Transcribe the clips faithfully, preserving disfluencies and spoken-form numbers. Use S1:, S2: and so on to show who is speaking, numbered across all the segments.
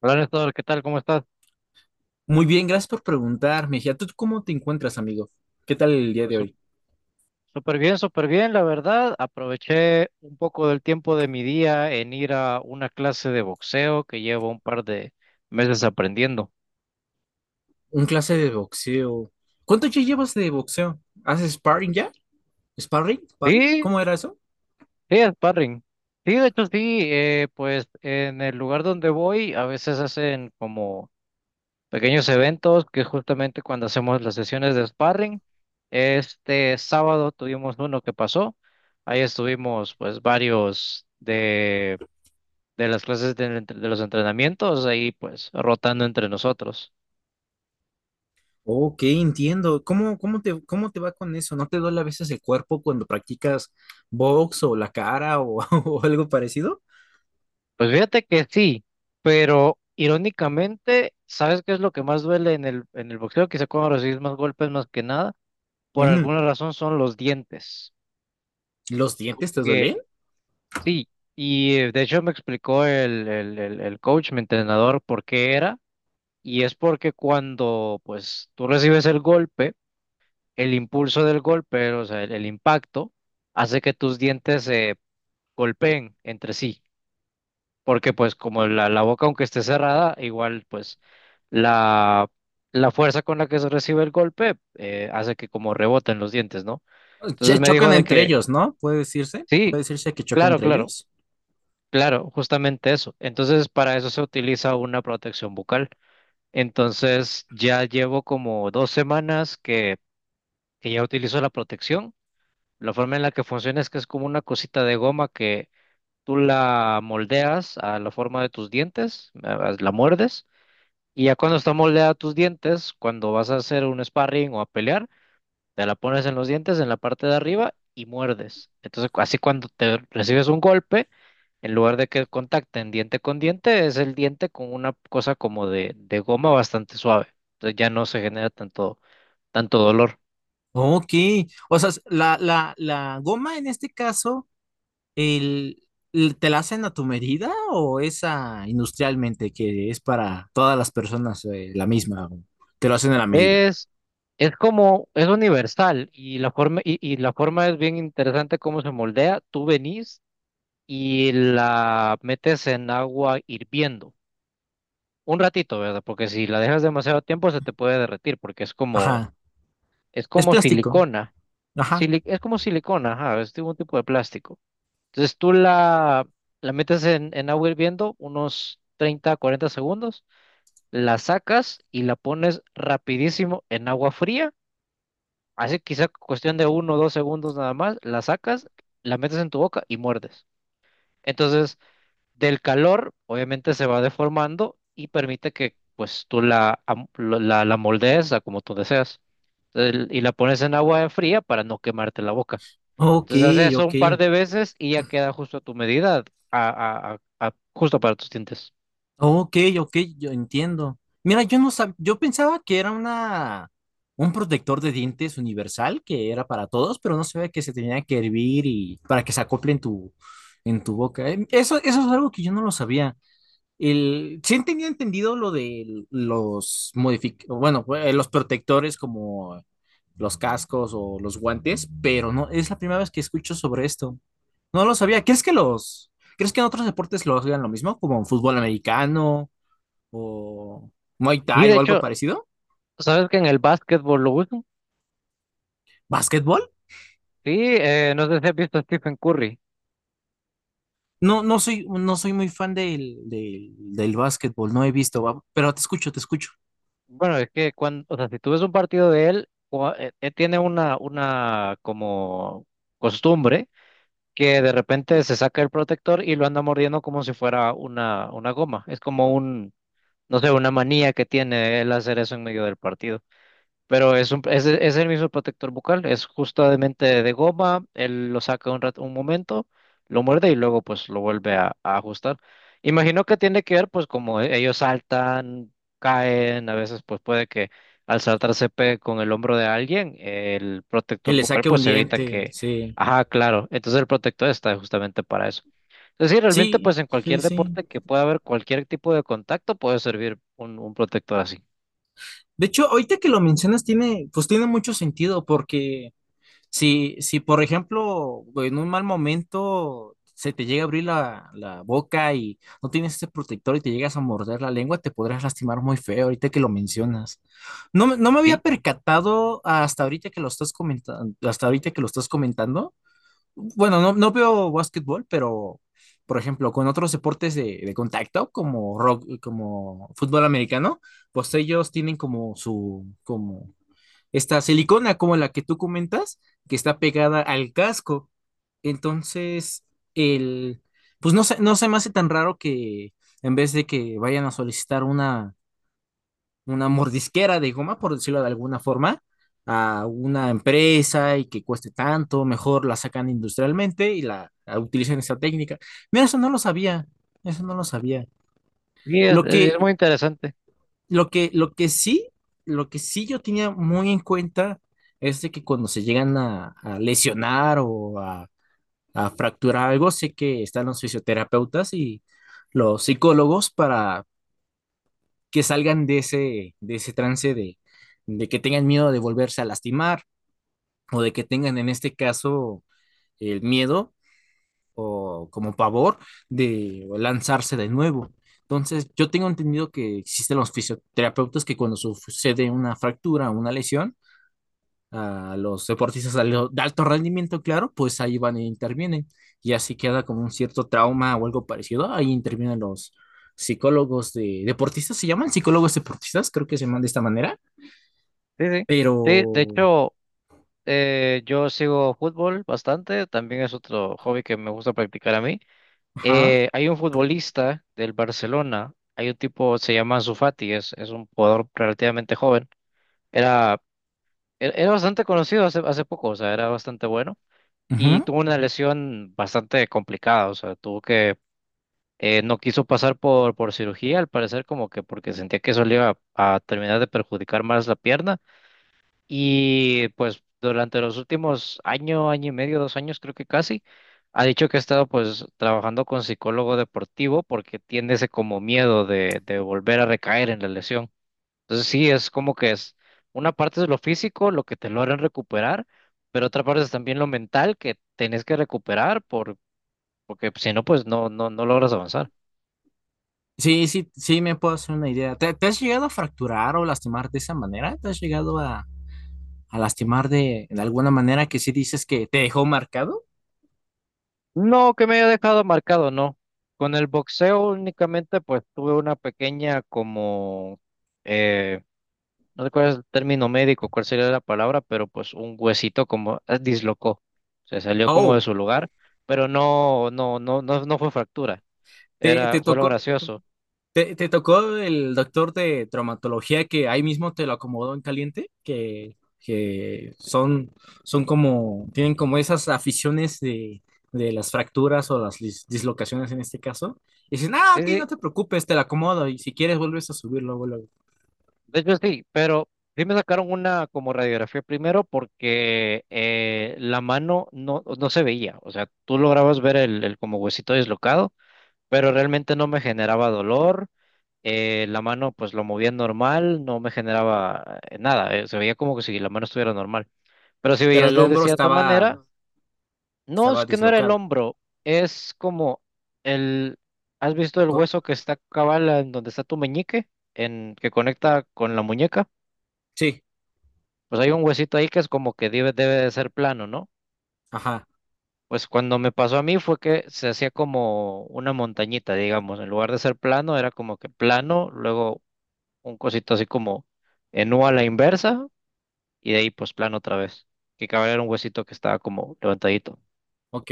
S1: Hola Néstor, ¿qué tal? ¿Cómo estás?
S2: Muy bien, gracias por preguntar, Mejía. ¿Tú cómo te encuentras, amigo? ¿Qué tal el día
S1: Pues
S2: de
S1: sú-
S2: hoy?
S1: súper bien, súper bien, la verdad. Aproveché un poco del tiempo de mi día en ir a una clase de boxeo que llevo un par de meses aprendiendo.
S2: Un clase de boxeo. ¿Cuánto ya llevas de boxeo? ¿Haces sparring ya? ¿Sparring? ¿Sparring?
S1: Sí,
S2: ¿Cómo era eso?
S1: sí, sparring. Sí, de hecho sí, eh, pues en el lugar donde voy a veces hacen como pequeños eventos que es justamente cuando hacemos las sesiones de sparring. Este sábado tuvimos uno que pasó. Ahí estuvimos pues varios de de las clases de, de los entrenamientos, ahí pues rotando entre nosotros.
S2: Ok, entiendo. ¿Cómo, cómo te, cómo te va con eso? ¿No te duele a veces el cuerpo cuando practicas box o la cara o, o algo parecido?
S1: Pues fíjate que sí, pero irónicamente, ¿sabes qué es lo que más duele en el, en el boxeo? Quizá cuando recibes más golpes más que nada, por
S2: Ujú.
S1: alguna razón son los dientes.
S2: ¿Los dientes te
S1: Que
S2: duelen?
S1: sí, y eh, de hecho me explicó el, el, el, el coach, mi entrenador, por qué era, y es porque cuando pues tú recibes el golpe, el impulso del golpe, o sea, el el impacto, hace que tus dientes se golpeen entre sí, porque pues como la, la boca aunque esté cerrada, igual pues la, la fuerza con la que se recibe el golpe, eh, hace que como reboten los dientes, ¿no? Entonces
S2: Ch-
S1: me
S2: chocan
S1: dijo de
S2: entre
S1: que
S2: ellos, ¿no? ¿Puede decirse? ¿Puede
S1: sí,
S2: decirse que chocan
S1: claro,
S2: entre
S1: claro,
S2: ellos?
S1: claro, justamente eso. Entonces para eso se utiliza una protección bucal. Entonces ya llevo como dos semanas que, que ya utilizo la protección. La forma en la que funciona es que es como una cosita de goma que tú la moldeas a la forma de tus dientes, a- la muerdes, y ya cuando está moldeada a tus dientes, cuando vas a hacer un sparring o a pelear, te la pones en los dientes, en la parte de arriba, y muerdes. Entonces, cu- así cuando te recibes un golpe, en lugar de que contacten diente con diente, es el diente con una cosa como de, de goma bastante suave. Entonces ya no se genera tanto, tanto dolor.
S2: Ok, o sea, la, la, la goma en este caso. El, el- ¿Te la hacen a tu medida o esa industrialmente que es para todas las personas eh, la misma? O te lo hacen a la medida.
S1: Es, es como, es universal y la forma, y, y la forma es bien interesante cómo se moldea. Tú venís, y la metes en agua hirviendo. Un ratito, ¿verdad? Porque si la dejas demasiado tiempo se te puede derretir porque es como,
S2: Ajá.
S1: es
S2: Es
S1: como
S2: plástico.
S1: silicona.
S2: Ajá.
S1: sili- es como silicona, ajá, es tipo- un tipo de plástico. Entonces tú la, la metes en, en agua hirviendo unos treinta cuarenta segundos, la sacas y la pones rapidísimo en agua fría. Así quizá cuestión de uno o dos segundos nada más, la sacas, la metes en tu boca y muerdes. Entonces del calor, obviamente se va deformando y permite que pues tú la, am- lo- la, la moldees a como tú deseas. El- y la pones en agua fría para no quemarte la boca.
S2: Ok,
S1: Entonces haces eso
S2: ok.
S1: un par de veces y ya queda justo a tu medida, a, a- a- a- justo para tus dientes.
S2: Ok, ok, yo entiendo. Mira, yo no sab- yo pensaba que era una un protector de dientes universal que era para todos, pero no sabía que se tenía que hervir y para que se acople en tu en tu boca. Eh, Eso, eso es algo que yo no lo sabía. El, sí tenía entendido lo de los modific, bueno, eh, los protectores como los cascos o los guantes, pero no, es la primera vez que escucho sobre esto. No lo sabía. ¿Crees que los, crees que en otros deportes lo hagan lo mismo, como en fútbol americano o Muay
S1: Y
S2: Thai
S1: de
S2: o algo
S1: hecho,
S2: parecido?
S1: ¿sabes que en el básquetbol lo usan?
S2: ¿Básquetbol?
S1: Sí, eh, no sé si has visto a Stephen Curry.
S2: No, no soy, no soy muy fan del, del, del básquetbol, no he visto, va, pero te escucho, te escucho.
S1: Bueno, es que cuando, o sea, si tú ves un partido de él, cua- eh, eh, tiene una, una como costumbre que de repente se saca el protector y lo anda mordiendo como si fuera una, una goma. Es como un, no sé, una manía que tiene él hacer eso en medio del partido. Pero es, un- es, es el mismo protector bucal, es justamente de goma, él lo saca un rato, un momento, lo muerde y luego pues lo vuelve a, a ajustar. Imagino que tiene que ver pues como e- ellos saltan, caen, a veces pues puede que al saltar se pegue con el hombro de alguien, el
S2: Él
S1: protector
S2: le
S1: bucal
S2: saque un
S1: pues evita Ujú.
S2: diente,
S1: Que,
S2: sí.
S1: ajá, claro, entonces el protector está justamente para eso. Es decir, realmente
S2: Sí,
S1: pues en
S2: sí,
S1: cualquier
S2: sí.
S1: deporte que pueda haber cualquier tipo de contacto puede servir un, un protector así.
S2: De hecho, ahorita que lo mencionas, tiene, pues tiene mucho sentido, porque si, si por ejemplo, en un mal momento se te llega a abrir la, la boca y no tienes ese protector y te llegas a morder la lengua, te podrás lastimar muy feo ahorita que lo mencionas. No, me- no me había
S1: Sí,
S2: percatado hasta ahorita que lo estás comentando, hasta ahorita que lo estás comentando, bueno, no, no veo básquetbol, pero por ejemplo, con otros deportes de, de contacto, como rock, como fútbol americano, pues ellos tienen como su, como esta silicona, como la que tú comentas, que está pegada al casco. Entonces, el, pues no se, no se me hace tan raro que en vez de que vayan a solicitar una una mordisquera de goma, por decirlo de alguna forma, a una empresa y que cueste tanto, mejor la sacan industrialmente y la, la utilizan esa técnica. Mira, eso no lo sabía, eso no lo sabía.
S1: sí es
S2: Lo
S1: es
S2: que,
S1: muy interesante.
S2: lo que, lo que sí, lo que sí yo tenía muy en cuenta es de que cuando se llegan a, a lesionar o a, a fracturar algo, sé que están los fisioterapeutas y los psicólogos para que salgan de ese, de ese trance de, de que tengan miedo de volverse a lastimar o de que tengan en este caso el miedo o como pavor de lanzarse de nuevo. Entonces, yo tengo entendido que existen los fisioterapeutas que cuando sucede una fractura o una lesión, a los deportistas de al- de alto rendimiento, claro, pues ahí van e intervienen. Y así queda como un cierto trauma o algo parecido. Ahí intervienen los psicólogos de deportistas, se llaman psicólogos deportistas, creo que se llaman de esta manera.
S1: Sí, sí.
S2: Pero,
S1: Sí, de hecho, eh, yo sigo fútbol bastante, también es otro hobby que me gusta practicar a mí.
S2: ajá,
S1: Eh, hay un futbolista del Barcelona, hay un tipo, se llama Ansu Fati, es, es un jugador relativamente joven. Era, er- era bastante conocido hace, hace poco, o sea, era bastante bueno y
S2: ujú.
S1: tuvo una lesión bastante complicada, o sea, tuvo que, eh, no quiso pasar por, por cirugía, al parecer como que porque sentía que eso le iba a a terminar de perjudicar más la pierna. Y pues durante los últimos año, año y medio, dos años creo que casi, ha dicho que ha estado pues trabajando con psicólogo deportivo porque tiene ese como miedo de, de volver a recaer en la lesión. Entonces sí, es como que es una parte es lo físico, lo que te logran recuperar, pero otra parte es también lo mental que tenés que recuperar por, porque si no, pues no, no, no logras avanzar.
S2: Sí, sí, sí, me puedo hacer una idea. ¿Te, te has llegado a fracturar o lastimar de esa manera? ¿Te has llegado a, a lastimar de, de alguna manera que sí dices que te dejó marcado?
S1: No, que me haya dejado marcado, no. Con el boxeo únicamente pues tuve una pequeña como, no recuerdo el término médico, cuál sería la palabra, pero pues un huesito como, eh, dislocó, se salió como de
S2: Oh,
S1: su lugar, pero no, no, no, no, no fue fractura,
S2: te, te
S1: era, fue lo
S2: tocó.
S1: gracioso.
S2: ¿Te, te tocó el doctor de traumatología que ahí mismo te lo acomodó en caliente? Que, que son, son como, tienen como esas aficiones de, de las fracturas o las dis- dislocaciones en este caso. Y dicen, ah,
S1: Sí,
S2: ok,
S1: sí,
S2: no te preocupes, te lo acomodo. Y si quieres, vuelves a subirlo, luego, luego".
S1: de hecho sí, pero sí me sacaron una como radiografía primero porque, eh, la mano no, no se veía, o sea, tú lograbas ver el, el como huesito dislocado, pero realmente no me generaba dolor, eh, la mano pues lo movía normal, no me generaba eh, nada, eh, se veía como que si la mano estuviera normal. Pero si
S2: Pero
S1: veías
S2: el
S1: de, de
S2: hombro
S1: cierta
S2: estaba,
S1: manera, no es
S2: estaba
S1: que no era el
S2: dislocado.
S1: hombro, es como el, ¿has visto el
S2: Co-
S1: hueso que está cabal en donde está tu meñique, en que conecta con la muñeca?
S2: sí,
S1: Pues hay un huesito ahí que es como que debe, debe de ser plano, ¿no?
S2: ajá,
S1: Pues cuando me pasó a mí fue que se hacía como una montañita, digamos, en lugar de ser plano, era como que plano, luego un cosito así como en U a la inversa, y de ahí pues plano otra vez, que cabal era un huesito que estaba como levantadito.
S2: ok,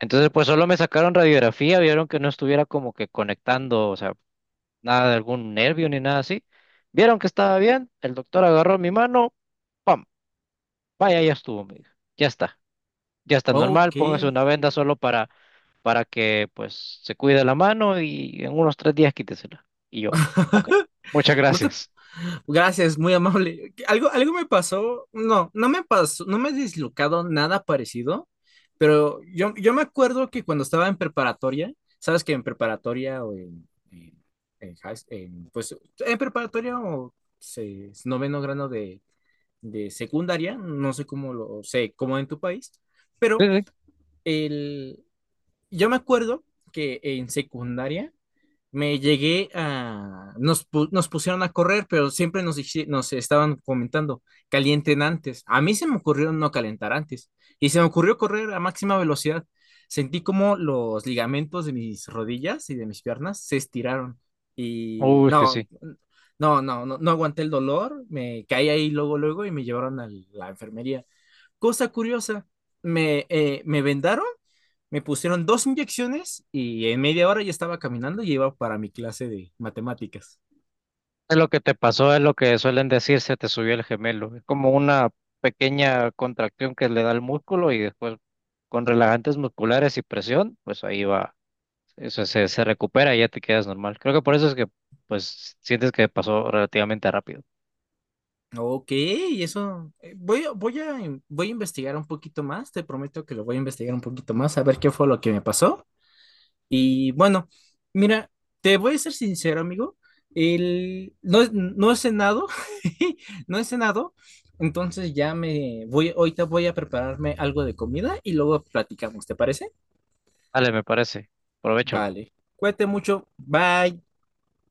S1: Entonces, pues solo me sacaron radiografía, vieron que no estuviera como que conectando, o sea, nada de algún nervio ni nada así. Vieron que estaba bien, el doctor agarró mi mano, ¡pam! Vaya, ya estuvo, me dijo. Ya está, ya está normal,
S2: ok.
S1: póngase una venda solo para, para que pues se cuide la mano y en unos tres días quítesela. Y yo, ok, muchas
S2: No te
S1: gracias.
S2: Gracias, muy amable. Algo, algo me pasó, no, no me pasó, no me he dislocado nada parecido, pero yo, yo me acuerdo que cuando estaba en preparatoria, sabes que en preparatoria o en, en- en high- en, pues en preparatoria o se- noveno grado de, de secundaria, no sé cómo lo sé, cómo en tu país,
S1: Sí,
S2: pero
S1: sí.
S2: el, yo me acuerdo que en secundaria me llegué a... Nos, pu- nos pusieron a correr, pero siempre nos, dici- nos estaban comentando, calienten antes. A mí se me ocurrió no calentar antes y se me ocurrió correr a máxima velocidad. Sentí como los ligamentos de mis rodillas y de mis piernas se estiraron y
S1: Uy, es que
S2: no,
S1: sí.
S2: no, no, no, no aguanté el dolor, me caí ahí luego, luego y me llevaron a la enfermería. Cosa curiosa, me, eh, me vendaron me pusieron dos inyecciones y en media hora ya estaba caminando y iba para mi clase de matemáticas.
S1: es Lo que te pasó es lo que suelen decir, se te subió el gemelo. Es como una pequeña contracción que le da el músculo y después con relajantes musculares y presión, pues ahí va, eso se, se recupera y ya te quedas normal. Creo que por eso es que pues sientes que pasó relativamente rápido.
S2: Ok, eso eh, voy, a- voy, a, in- voy a investigar un poquito más, te prometo que lo voy a investigar un poquito más, a ver qué fue lo que me pasó. Y bueno, mira, te voy a ser sincero, amigo, el, no, he- no he cenado, no he cenado, entonces ya me voy, ahorita voy a prepararme algo de comida y luego platicamos, ¿te parece?
S1: Vale, me parece. Provecho.
S2: Vale, cuídate mucho, bye.